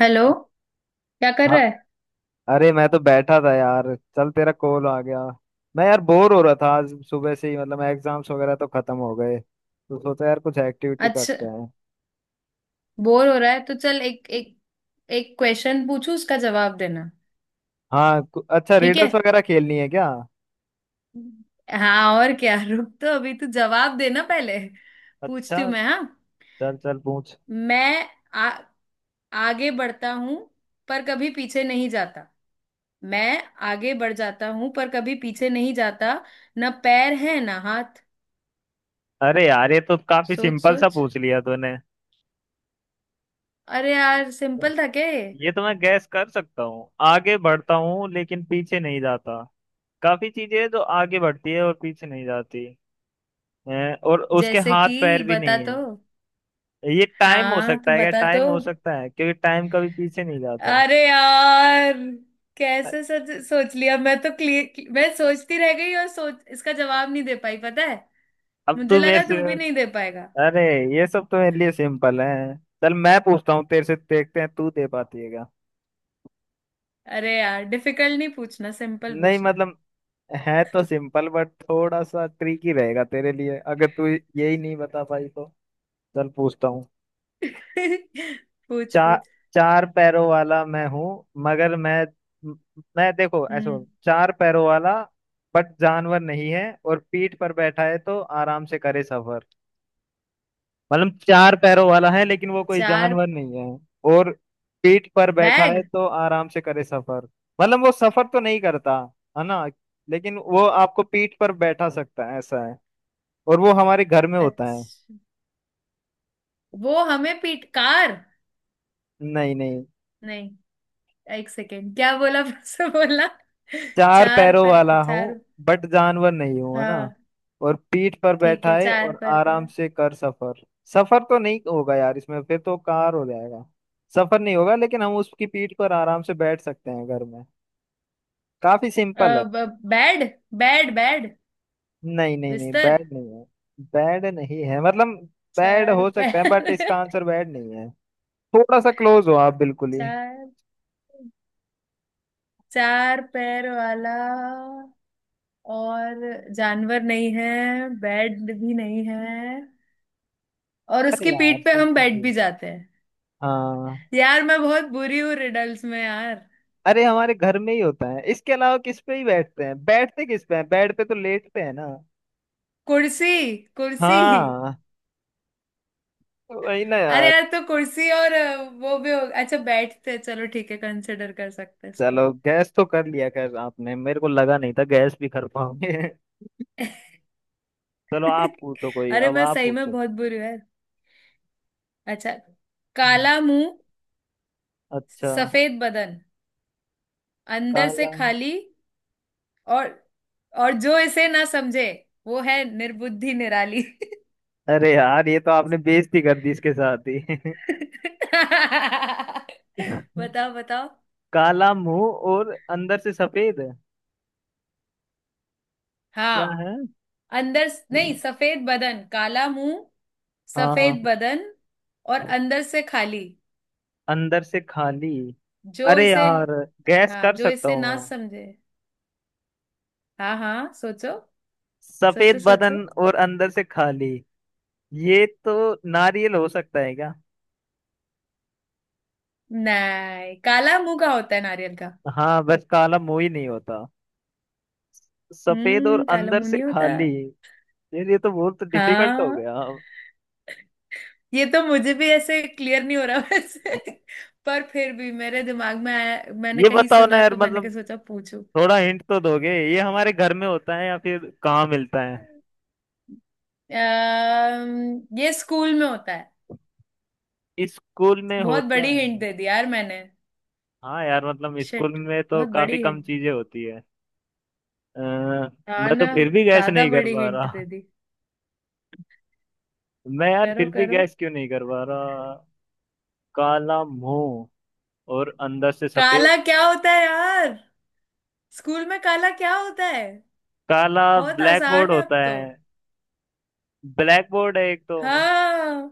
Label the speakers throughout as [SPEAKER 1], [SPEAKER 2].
[SPEAKER 1] Hello. क्या कर
[SPEAKER 2] हाँ।
[SPEAKER 1] रहा है?
[SPEAKER 2] अरे मैं तो बैठा था यार, चल तेरा कॉल आ गया। मैं यार बोर हो रहा था आज सुबह से ही, मतलब एग्जाम्स वगैरह तो खत्म हो गए तो सोचा यार कुछ एक्टिविटी
[SPEAKER 1] अच्छा,
[SPEAKER 2] करते हैं।
[SPEAKER 1] बोर हो रहा है तो चल एक एक एक क्वेश्चन पूछू, उसका जवाब देना।
[SPEAKER 2] हाँ। अच्छा,
[SPEAKER 1] ठीक है।
[SPEAKER 2] रिडल्स वगैरह खेलनी है क्या?
[SPEAKER 1] हाँ और क्या। रुक, तो अभी तू जवाब देना पहले। पूछती
[SPEAKER 2] अच्छा,
[SPEAKER 1] हूँ मैं, हाँ।
[SPEAKER 2] चल चल पूछ।
[SPEAKER 1] मैं आगे बढ़ता हूँ पर कभी पीछे नहीं जाता। मैं आगे बढ़ जाता हूँ पर कभी पीछे नहीं जाता। ना पैर है ना हाथ।
[SPEAKER 2] अरे यार ये तो काफी
[SPEAKER 1] सोच
[SPEAKER 2] सिंपल सा
[SPEAKER 1] सोच।
[SPEAKER 2] पूछ लिया तूने।
[SPEAKER 1] अरे यार, सिंपल था क्या ये?
[SPEAKER 2] ये तो मैं गैस कर सकता हूँ, आगे बढ़ता हूँ लेकिन पीछे नहीं जाता। काफी चीजें हैं जो आगे बढ़ती है और पीछे नहीं जाती हैं, और उसके
[SPEAKER 1] जैसे
[SPEAKER 2] हाथ पैर
[SPEAKER 1] कि
[SPEAKER 2] भी
[SPEAKER 1] बता
[SPEAKER 2] नहीं
[SPEAKER 1] तो।
[SPEAKER 2] है। ये टाइम हो
[SPEAKER 1] हाँ तो
[SPEAKER 2] सकता है क्या?
[SPEAKER 1] बता तो।
[SPEAKER 2] टाइम हो सकता है क्योंकि टाइम कभी पीछे नहीं जाता।
[SPEAKER 1] अरे यार, कैसे सच सोच लिया। मैं तो क्लियर, मैं सोचती रह गई और सोच इसका जवाब नहीं दे पाई, पता है।
[SPEAKER 2] अब
[SPEAKER 1] मुझे
[SPEAKER 2] तू मेरे
[SPEAKER 1] लगा
[SPEAKER 2] से,
[SPEAKER 1] तू भी नहीं दे पाएगा।
[SPEAKER 2] अरे, ये सब तो मेरे लिए सिंपल है। चल मैं पूछता हूँ तेरे से, देखते हैं तू दे पाती है क्या।
[SPEAKER 1] अरे यार, डिफिकल्ट नहीं पूछना, सिंपल
[SPEAKER 2] नहीं
[SPEAKER 1] पूछना।
[SPEAKER 2] मतलब, है तो सिंपल बट थोड़ा सा ट्रिकी रहेगा तेरे लिए, अगर तू यही नहीं बता पाई तो। चल पूछता हूँ।
[SPEAKER 1] पूछ
[SPEAKER 2] चार,
[SPEAKER 1] पूछ।
[SPEAKER 2] चार पैरों वाला मैं हूँ, मगर मैं देखो ऐसे बोल,
[SPEAKER 1] हम्म।
[SPEAKER 2] चार पैरों वाला बट जानवर नहीं है, और पीठ पर बैठा है तो आराम से करे सफर। मतलब चार पैरों वाला है लेकिन वो कोई जानवर
[SPEAKER 1] चार।
[SPEAKER 2] नहीं है। और पीठ पर बैठा है
[SPEAKER 1] बैग।
[SPEAKER 2] तो आराम से करे सफर। मतलब वो सफर तो नहीं करता, है ना, लेकिन वो आपको पीठ पर बैठा सकता है, ऐसा है। और वो हमारे घर में होता है।
[SPEAKER 1] अच्छा, वो हमें पीट कार।
[SPEAKER 2] नहीं नहीं।
[SPEAKER 1] नहीं। एक सेकेंड, क्या बोला? फिर से बोला।
[SPEAKER 2] चार
[SPEAKER 1] चार
[SPEAKER 2] पैरों
[SPEAKER 1] पैर,
[SPEAKER 2] वाला हूँ
[SPEAKER 1] चार।
[SPEAKER 2] बट जानवर नहीं हूँ है ना,
[SPEAKER 1] हाँ।
[SPEAKER 2] और पीठ पर
[SPEAKER 1] ठीक है,
[SPEAKER 2] बैठा है
[SPEAKER 1] चार
[SPEAKER 2] और
[SPEAKER 1] पैर का।
[SPEAKER 2] आराम से कर सफर। सफर तो नहीं होगा यार इसमें, फिर तो कार हो जाएगा। सफर नहीं होगा लेकिन हम उसकी पीठ पर आराम से बैठ सकते हैं घर में। काफी सिंपल है।
[SPEAKER 1] बेड। बेड।
[SPEAKER 2] नहीं नहीं नहीं,
[SPEAKER 1] बिस्तर।
[SPEAKER 2] बैड नहीं है। बैड नहीं है मतलब, बैड
[SPEAKER 1] चार
[SPEAKER 2] हो सकता है बट इसका
[SPEAKER 1] पैर।
[SPEAKER 2] आंसर बैड नहीं है। थोड़ा सा क्लोज हो आप, बिल्कुल ही।
[SPEAKER 1] चार, चार पैर वाला, और जानवर नहीं है, बेड भी नहीं है, और
[SPEAKER 2] अरे
[SPEAKER 1] उसकी
[SPEAKER 2] यार
[SPEAKER 1] पीठ पे
[SPEAKER 2] तुम
[SPEAKER 1] हम
[SPEAKER 2] फंसी
[SPEAKER 1] बैठ भी
[SPEAKER 2] हो।
[SPEAKER 1] जाते हैं।
[SPEAKER 2] हाँ।
[SPEAKER 1] यार मैं बहुत बुरी हूँ रिडल्स में यार।
[SPEAKER 2] अरे हमारे घर में ही होता है, इसके अलावा किस पे ही बैठते हैं, बैठते किस पे हैं? बेड पे तो लेटते हैं ना।
[SPEAKER 1] कुर्सी कुर्सी।
[SPEAKER 2] हाँ, वही ना
[SPEAKER 1] अरे
[SPEAKER 2] यार।
[SPEAKER 1] यार तो कुर्सी और वो भी हो। अच्छा बैठते हैं, चलो ठीक है, कंसिडर कर सकते हैं इसको।
[SPEAKER 2] चलो गैस तो कर लिया खैर आपने, मेरे को लगा नहीं था गैस भी कर पाओगे। चलो आप पूछो, कोई
[SPEAKER 1] अरे
[SPEAKER 2] अब
[SPEAKER 1] मैं
[SPEAKER 2] आप
[SPEAKER 1] सही में
[SPEAKER 2] पूछो।
[SPEAKER 1] बहुत बुरी हूँ यार। अच्छा।
[SPEAKER 2] हाँ।
[SPEAKER 1] काला मुंह,
[SPEAKER 2] अच्छा।
[SPEAKER 1] सफेद बदन, अंदर से
[SPEAKER 2] काला।
[SPEAKER 1] खाली, और और जो इसे ना समझे, वो है निर्बुद्धि निराली।
[SPEAKER 2] अरे यार ये तो आपने बेइज्जती कर दी इसके साथ ही।
[SPEAKER 1] बताओ बताओ।
[SPEAKER 2] काला मुंह और अंदर से सफेद, क्या
[SPEAKER 1] हाँ।
[SPEAKER 2] है?
[SPEAKER 1] नहीं, सफेद बदन काला मुंह।
[SPEAKER 2] हाँ।
[SPEAKER 1] सफेद बदन, और अंदर से खाली।
[SPEAKER 2] अंदर से खाली।
[SPEAKER 1] जो
[SPEAKER 2] अरे
[SPEAKER 1] इसे।
[SPEAKER 2] यार गैस
[SPEAKER 1] हाँ,
[SPEAKER 2] कर
[SPEAKER 1] जो
[SPEAKER 2] सकता
[SPEAKER 1] इसे
[SPEAKER 2] हूँ मैं।
[SPEAKER 1] ना समझे। हाँ हाँ, सोचो सोचो
[SPEAKER 2] सफेद
[SPEAKER 1] सोचो।
[SPEAKER 2] बदन और अंदर से खाली। ये तो नारियल हो सकता है क्या?
[SPEAKER 1] नहीं, काला मुंह का होता है नारियल का?
[SPEAKER 2] हाँ बस काला मुंह ही नहीं होता। सफेद और
[SPEAKER 1] हम्म, काला
[SPEAKER 2] अंदर
[SPEAKER 1] मुंह
[SPEAKER 2] से
[SPEAKER 1] नहीं होता।
[SPEAKER 2] खाली। यार ये तो बहुत डिफिकल्ट हो
[SPEAKER 1] हाँ,
[SPEAKER 2] गया।
[SPEAKER 1] ये तो मुझे भी ऐसे क्लियर नहीं हो रहा वैसे। पर फिर भी मेरे दिमाग में आया, मैंने
[SPEAKER 2] ये
[SPEAKER 1] कहीं
[SPEAKER 2] बताओ ना
[SPEAKER 1] सुना
[SPEAKER 2] यार
[SPEAKER 1] तो मैंने
[SPEAKER 2] मतलब,
[SPEAKER 1] कहा, सोचा पूछूं।
[SPEAKER 2] थोड़ा हिंट तो दोगे। ये हमारे घर में होता है या फिर कहाँ मिलता है?
[SPEAKER 1] ये स्कूल में होता है।
[SPEAKER 2] स्कूल में
[SPEAKER 1] बहुत
[SPEAKER 2] होता
[SPEAKER 1] बड़ी
[SPEAKER 2] है?
[SPEAKER 1] हिंट दे दी यार मैंने।
[SPEAKER 2] हाँ यार मतलब स्कूल
[SPEAKER 1] शिट,
[SPEAKER 2] में तो
[SPEAKER 1] बहुत
[SPEAKER 2] काफी
[SPEAKER 1] बड़ी
[SPEAKER 2] कम
[SPEAKER 1] हिंट।
[SPEAKER 2] चीजें होती है।
[SPEAKER 1] हाँ
[SPEAKER 2] मैं तो
[SPEAKER 1] ना,
[SPEAKER 2] फिर भी गैस
[SPEAKER 1] ज्यादा
[SPEAKER 2] नहीं कर
[SPEAKER 1] बड़ी
[SPEAKER 2] पा
[SPEAKER 1] हिंट
[SPEAKER 2] रहा।
[SPEAKER 1] दे दी।
[SPEAKER 2] मैं यार
[SPEAKER 1] करो
[SPEAKER 2] फिर भी
[SPEAKER 1] करो।
[SPEAKER 2] गैस क्यों नहीं कर पा रहा। काला मुंह और अंदर से सफेद।
[SPEAKER 1] काला क्या होता है यार? स्कूल में काला क्या होता है?
[SPEAKER 2] काला।
[SPEAKER 1] बहुत
[SPEAKER 2] ब्लैक बोर्ड
[SPEAKER 1] आसान है अब
[SPEAKER 2] होता
[SPEAKER 1] तो।
[SPEAKER 2] है। ब्लैक बोर्ड है एक तो।
[SPEAKER 1] हाँ।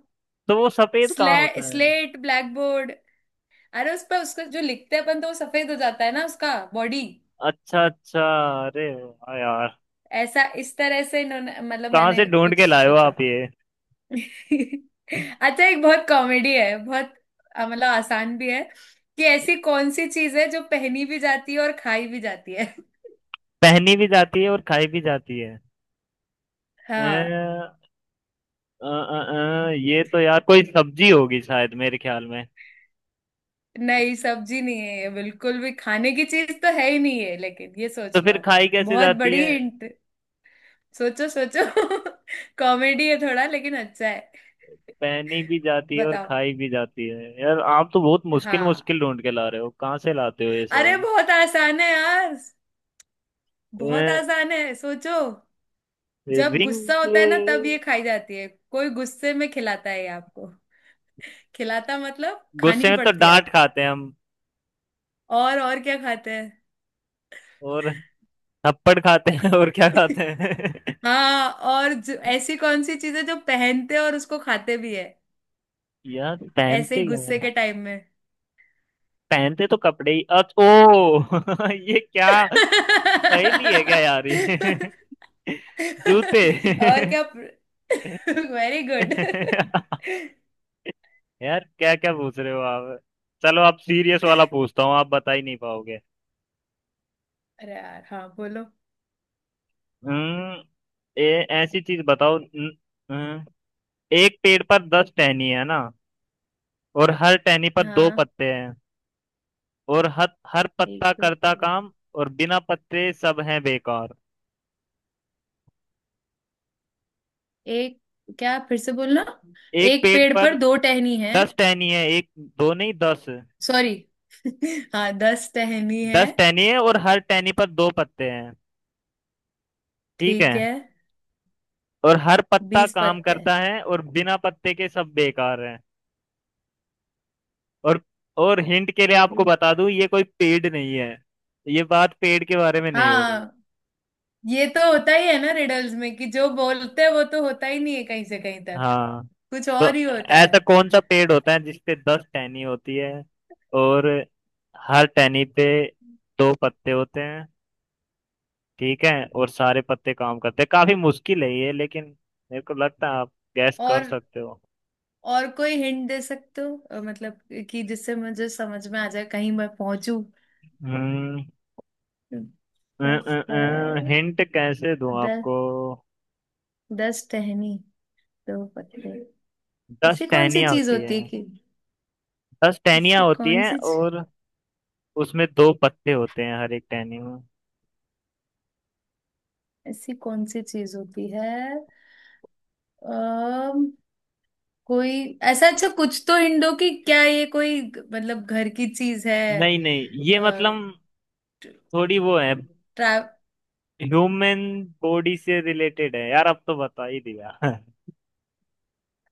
[SPEAKER 2] तो वो सफेद कहाँ
[SPEAKER 1] स्ले
[SPEAKER 2] होता है?
[SPEAKER 1] Slate blackboard. अरे उस पर उसका जो लिखते हैं अपन तो वो सफेद हो जाता है ना उसका। बॉडी।
[SPEAKER 2] अच्छा अच्छा। अरे वाह यार।
[SPEAKER 1] ऐसा, इस तरह से इन्होंने मतलब
[SPEAKER 2] कहाँ से
[SPEAKER 1] मैंने
[SPEAKER 2] ढूंढ
[SPEAKER 1] कुछ
[SPEAKER 2] के लाए हो
[SPEAKER 1] सोचा।
[SPEAKER 2] आप ये?
[SPEAKER 1] अच्छा, एक बहुत कॉमेडी है बहुत। मतलब आसान भी है। कि ऐसी कौन सी चीज है जो पहनी भी जाती है और खाई भी जाती है।
[SPEAKER 2] पहनी भी जाती है और खाई भी जाती है। अ,
[SPEAKER 1] हाँ।
[SPEAKER 2] अ, ये तो यार कोई सब्जी होगी शायद मेरे ख्याल में।
[SPEAKER 1] नहीं, सब्जी नहीं है ये, बिल्कुल भी खाने की चीज तो है ही नहीं है, लेकिन ये
[SPEAKER 2] तो
[SPEAKER 1] सोच लो
[SPEAKER 2] फिर
[SPEAKER 1] आप।
[SPEAKER 2] खाई कैसे
[SPEAKER 1] बहुत
[SPEAKER 2] जाती
[SPEAKER 1] बड़ी
[SPEAKER 2] है?
[SPEAKER 1] हिंट। सोचो सोचो। कॉमेडी है थोड़ा, लेकिन अच्छा है।
[SPEAKER 2] पहनी भी जाती है और
[SPEAKER 1] बताओ।
[SPEAKER 2] खाई भी जाती है। यार आप तो बहुत मुश्किल
[SPEAKER 1] हाँ।
[SPEAKER 2] मुश्किल ढूंढ के ला रहे हो, कहाँ से लाते हो ये
[SPEAKER 1] अरे
[SPEAKER 2] सब?
[SPEAKER 1] बहुत आसान है यार। बहुत आसान है, सोचो। जब
[SPEAKER 2] रिंग।
[SPEAKER 1] गुस्सा होता है ना तब ये खाई जाती है। कोई गुस्से में खिलाता है ये आपको। खिलाता मतलब
[SPEAKER 2] गुस्से
[SPEAKER 1] खानी
[SPEAKER 2] में तो
[SPEAKER 1] पड़ती है
[SPEAKER 2] डांट
[SPEAKER 1] आपको।
[SPEAKER 2] खाते हैं हम।
[SPEAKER 1] और क्या खाते हैं?
[SPEAKER 2] और थप्पड़ खाते हैं और क्या खाते हैं?
[SPEAKER 1] हाँ, और जो, ऐसी कौन सी चीज है जो पहनते हैं और उसको खाते भी है।
[SPEAKER 2] यार
[SPEAKER 1] ऐसे ही
[SPEAKER 2] पहनते क्या
[SPEAKER 1] गुस्से
[SPEAKER 2] है?
[SPEAKER 1] के टाइम में।
[SPEAKER 2] पहनते तो कपड़े ही अच ओ। ये क्या, पहेली है क्या
[SPEAKER 1] और।
[SPEAKER 2] यार ये? जूते।
[SPEAKER 1] क्या? Very good.
[SPEAKER 2] यार क्या क्या पूछ रहे हो आप। चलो आप सीरियस वाला पूछता हूँ, आप बता ही नहीं पाओगे।
[SPEAKER 1] अरे यार हाँ, बोलो।
[SPEAKER 2] हम्म। ऐसी चीज बताओ न- एक पेड़ पर दस टहनी है ना, और हर टहनी पर दो
[SPEAKER 1] हाँ।
[SPEAKER 2] पत्ते हैं। और हर हर पत्ता
[SPEAKER 1] एक
[SPEAKER 2] करता
[SPEAKER 1] मिनट।
[SPEAKER 2] काम, और बिना पत्ते सब हैं बेकार।
[SPEAKER 1] एक, क्या? फिर से बोलना।
[SPEAKER 2] एक
[SPEAKER 1] एक
[SPEAKER 2] पेड़
[SPEAKER 1] पेड़
[SPEAKER 2] पर
[SPEAKER 1] पर दो टहनी है।
[SPEAKER 2] दस टहनी है, एक, दो नहीं दस।
[SPEAKER 1] सॉरी। हाँ, 10 टहनी है।
[SPEAKER 2] दस टहनी है और हर टहनी पर दो पत्ते हैं, ठीक है।
[SPEAKER 1] ठीक है।
[SPEAKER 2] और हर पत्ता
[SPEAKER 1] 20
[SPEAKER 2] काम
[SPEAKER 1] पत्ते हैं।
[SPEAKER 2] करता है, और बिना पत्ते के सब बेकार। और और हिंट के लिए आपको बता दूं, ये कोई पेड़ नहीं है। ये बात पेड़ के बारे में नहीं हो रही।
[SPEAKER 1] हाँ, ये तो होता ही है ना रिडल्स में, कि जो बोलते हैं वो तो होता ही नहीं है कहीं से कहीं तक।
[SPEAKER 2] हाँ,
[SPEAKER 1] कुछ
[SPEAKER 2] तो
[SPEAKER 1] और ही होता है।
[SPEAKER 2] ऐसा कौन सा पेड़ होता है जिसपे दस टहनी होती है, और हर टहनी पे दो पत्ते होते हैं, ठीक है, और सारे पत्ते काम करते हैं। काफी मुश्किल है ये लेकिन मेरे को लगता है आप गैस कर
[SPEAKER 1] और
[SPEAKER 2] सकते हो।
[SPEAKER 1] और कोई हिंट दे सकते हो? मतलब कि जिससे मुझे समझ में आ जाए, कहीं मैं पहुंचू।
[SPEAKER 2] हम्म।
[SPEAKER 1] दस,
[SPEAKER 2] हिंट कैसे दूं
[SPEAKER 1] 10।
[SPEAKER 2] आपको।
[SPEAKER 1] 10 टहनी, 2 पत्ते।
[SPEAKER 2] दस
[SPEAKER 1] ऐसी कौन सी
[SPEAKER 2] टहनियां
[SPEAKER 1] चीज
[SPEAKER 2] होती है।
[SPEAKER 1] होती है कि।
[SPEAKER 2] दस टहनियां
[SPEAKER 1] ऐसी
[SPEAKER 2] होती
[SPEAKER 1] कौन
[SPEAKER 2] हैं
[SPEAKER 1] सी।
[SPEAKER 2] और उसमें दो पत्ते होते हैं हर एक टहनी में।
[SPEAKER 1] ऐसी कौन सी चीज होती है। अम कोई। ऐसा अच्छा कुछ तो हिंट दो, कि क्या ये कोई मतलब घर की चीज है?
[SPEAKER 2] नहीं नहीं, ये
[SPEAKER 1] अ,
[SPEAKER 2] मतलब थोड़ी वो है,
[SPEAKER 1] ट्रा
[SPEAKER 2] ह्यूमन बॉडी से रिलेटेड है यार, अब तो बता ही दिया।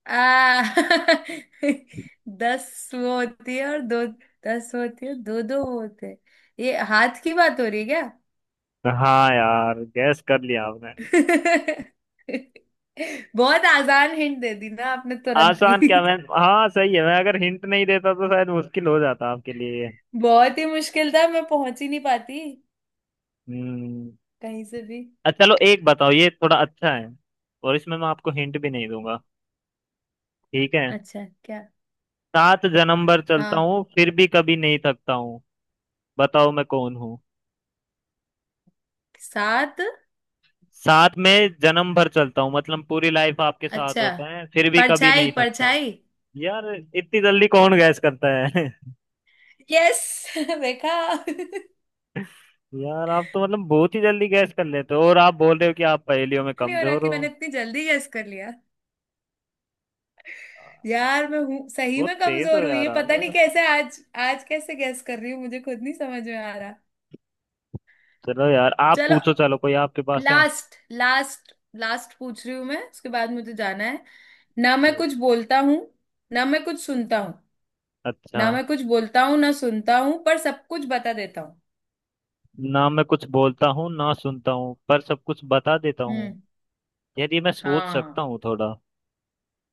[SPEAKER 1] आ। 10 वो होती है और 2। 10 होती है, दो दो वो होते हैं। ये हाथ की बात हो रही है?
[SPEAKER 2] हाँ यार गैस कर लिया आपने।
[SPEAKER 1] क्या। बहुत आसान हिंट दे दी ना आपने तुरंत ही।
[SPEAKER 2] आसान क्या, मैं, हाँ सही है, मैं अगर हिंट नहीं देता तो शायद मुश्किल हो जाता आपके लिए।
[SPEAKER 1] बहुत ही मुश्किल था, मैं पहुंच ही नहीं पाती।
[SPEAKER 2] हम्म।
[SPEAKER 1] कहीं से भी।
[SPEAKER 2] अच्छा, चलो एक बताओ, ये थोड़ा अच्छा है, और इसमें मैं आपको हिंट भी नहीं दूंगा। ठीक है।
[SPEAKER 1] अच्छा, क्या?
[SPEAKER 2] सात जन्म भर चलता
[SPEAKER 1] हाँ।
[SPEAKER 2] हूँ फिर भी कभी नहीं थकता हूँ। बताओ मैं कौन हूँ।
[SPEAKER 1] 7।
[SPEAKER 2] साथ में जन्म भर चलता हूँ मतलब पूरी लाइफ आपके साथ
[SPEAKER 1] अच्छा।
[SPEAKER 2] होता है, फिर भी कभी
[SPEAKER 1] परछाई
[SPEAKER 2] नहीं थकता हूँ।
[SPEAKER 1] परछाई।
[SPEAKER 2] यार इतनी जल्दी कौन
[SPEAKER 1] अरे,
[SPEAKER 2] गैस करता है।
[SPEAKER 1] यस। देखा।
[SPEAKER 2] यार आप तो मतलब बहुत ही जल्दी गैस कर लेते हो, और आप बोल रहे हो कि आप पहेलियों में
[SPEAKER 1] नहीं हो रहा
[SPEAKER 2] कमजोर
[SPEAKER 1] कि मैंने
[SPEAKER 2] हो।
[SPEAKER 1] इतनी जल्दी गेस कर लिया।
[SPEAKER 2] आप
[SPEAKER 1] यार मैं हूँ सही
[SPEAKER 2] बहुत
[SPEAKER 1] में
[SPEAKER 2] तेज हो
[SPEAKER 1] कमजोर, हुई
[SPEAKER 2] यार
[SPEAKER 1] है पता नहीं
[SPEAKER 2] आप।
[SPEAKER 1] कैसे आज। आज कैसे गेस कर रही हूँ मुझे खुद नहीं समझ में आ रहा।
[SPEAKER 2] चलो यार आप
[SPEAKER 1] चलो।
[SPEAKER 2] पूछो, चलो कोई आपके पास है।
[SPEAKER 1] लास्ट लास्ट, लास्ट पूछ रही हूँ मैं, उसके बाद मुझे जाना है। ना मैं
[SPEAKER 2] जी।
[SPEAKER 1] कुछ बोलता हूँ, ना मैं कुछ सुनता हूँ।
[SPEAKER 2] अच्छा।
[SPEAKER 1] ना मैं कुछ बोलता हूँ ना सुनता हूँ, पर सब कुछ बता देता हूँ।
[SPEAKER 2] ना मैं कुछ बोलता हूँ ना सुनता हूँ पर सब कुछ बता देता हूँ।
[SPEAKER 1] हम्म।
[SPEAKER 2] यदि मैं सोच सकता
[SPEAKER 1] हाँ,
[SPEAKER 2] हूँ थोड़ा।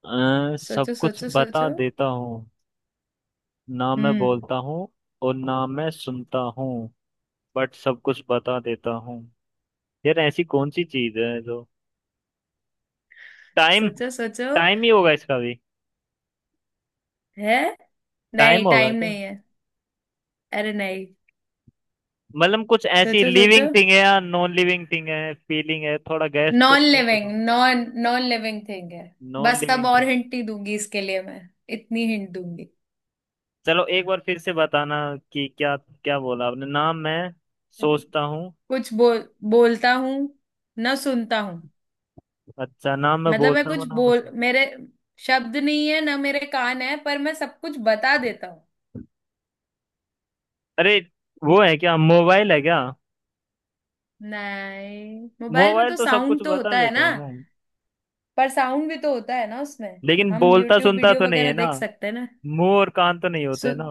[SPEAKER 2] सब
[SPEAKER 1] सोचो
[SPEAKER 2] कुछ
[SPEAKER 1] सोचो
[SPEAKER 2] बता
[SPEAKER 1] सोचो।
[SPEAKER 2] देता हूँ। ना मैं
[SPEAKER 1] हम्म।
[SPEAKER 2] बोलता हूँ और ना मैं सुनता हूँ, बट सब कुछ बता देता हूँ। यार ऐसी कौन सी चीज है जो, टाइम।
[SPEAKER 1] सोचो सोचो।
[SPEAKER 2] टाइम ही होगा इसका भी।
[SPEAKER 1] है। नहीं,
[SPEAKER 2] टाइम होगा
[SPEAKER 1] टाइम
[SPEAKER 2] क्या?
[SPEAKER 1] नहीं है। अरे नहीं।
[SPEAKER 2] मतलब कुछ ऐसी
[SPEAKER 1] सोचो सोचो।
[SPEAKER 2] लिविंग थिंग है या नॉन लिविंग थिंग है, फीलिंग है? थोड़ा गैस तो
[SPEAKER 1] नॉन लिविंग,
[SPEAKER 2] करो।
[SPEAKER 1] नॉन नॉन लिविंग थिंग है।
[SPEAKER 2] नॉन
[SPEAKER 1] बस, अब
[SPEAKER 2] लिविंग
[SPEAKER 1] और
[SPEAKER 2] थिंग।
[SPEAKER 1] हिंट ही दूंगी इसके लिए मैं। इतनी हिंट दूंगी।
[SPEAKER 2] चलो एक बार फिर से बताना कि क्या क्या बोला आपने। ना मैं सोचता हूँ।
[SPEAKER 1] कुछ बोल, बोलता हूँ ना सुनता हूँ,
[SPEAKER 2] अच्छा ना मैं
[SPEAKER 1] मतलब मैं
[SPEAKER 2] बोलता हूँ
[SPEAKER 1] कुछ
[SPEAKER 2] ना मैं
[SPEAKER 1] बोल,
[SPEAKER 2] सुनता
[SPEAKER 1] मेरे शब्द नहीं है ना मेरे कान है, पर मैं सब कुछ बता देता हूँ।
[SPEAKER 2] हूँ। अरे, वो है क्या, मोबाइल है क्या?
[SPEAKER 1] नहीं, मोबाइल में
[SPEAKER 2] मोबाइल
[SPEAKER 1] तो
[SPEAKER 2] तो सब कुछ
[SPEAKER 1] साउंड तो
[SPEAKER 2] बता
[SPEAKER 1] होता है
[SPEAKER 2] देता
[SPEAKER 1] ना।
[SPEAKER 2] है ना।
[SPEAKER 1] पर साउंड भी तो होता है ना उसमें।
[SPEAKER 2] लेकिन
[SPEAKER 1] हम
[SPEAKER 2] बोलता
[SPEAKER 1] यूट्यूब
[SPEAKER 2] सुनता
[SPEAKER 1] वीडियो
[SPEAKER 2] तो नहीं
[SPEAKER 1] वगैरह
[SPEAKER 2] है ना।
[SPEAKER 1] देख सकते हैं ना।
[SPEAKER 2] मुंह और कान तो नहीं
[SPEAKER 1] सु...
[SPEAKER 2] होते ना।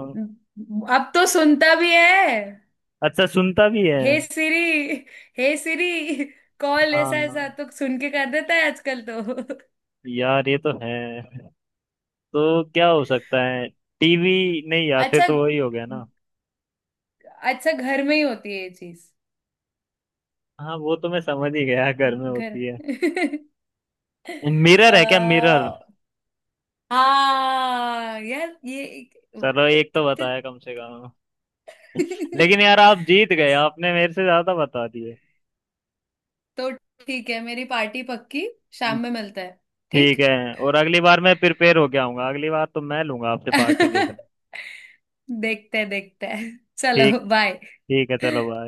[SPEAKER 1] अब तो सुनता भी है।
[SPEAKER 2] अच्छा सुनता भी है।
[SPEAKER 1] हे सिरी, हे सिरी। कॉल ऐसा ऐसा
[SPEAKER 2] हाँ
[SPEAKER 1] तो सुन के कर देता है आजकल तो।
[SPEAKER 2] यार ये तो है, तो क्या हो सकता है? टीवी। नहीं यार फिर
[SPEAKER 1] अच्छा।
[SPEAKER 2] तो वही हो गया ना।
[SPEAKER 1] अच्छा, घर में ही होती है ये चीज।
[SPEAKER 2] हाँ, वो तो मैं समझ ही गया घर में
[SPEAKER 1] घर।
[SPEAKER 2] होती है। मिरर है क्या,
[SPEAKER 1] अ,
[SPEAKER 2] मिरर?
[SPEAKER 1] हाँ यार ये।
[SPEAKER 2] चलो एक तो
[SPEAKER 1] कितने।
[SPEAKER 2] बताया कम से कम। लेकिन यार आप जीत गए, आपने मेरे से ज्यादा बता दिए।
[SPEAKER 1] तो ठीक है, मेरी पार्टी पक्की। शाम में मिलता है। ठीक।
[SPEAKER 2] ठीक है, और अगली बार मैं प्रिपेयर होके आऊंगा। अगली बार तो मैं लूंगा आपसे पार्टी देखना।
[SPEAKER 1] देखते हैं देखते हैं,
[SPEAKER 2] ठीक।
[SPEAKER 1] चलो
[SPEAKER 2] ठीक है, चलो
[SPEAKER 1] बाय।
[SPEAKER 2] बाय।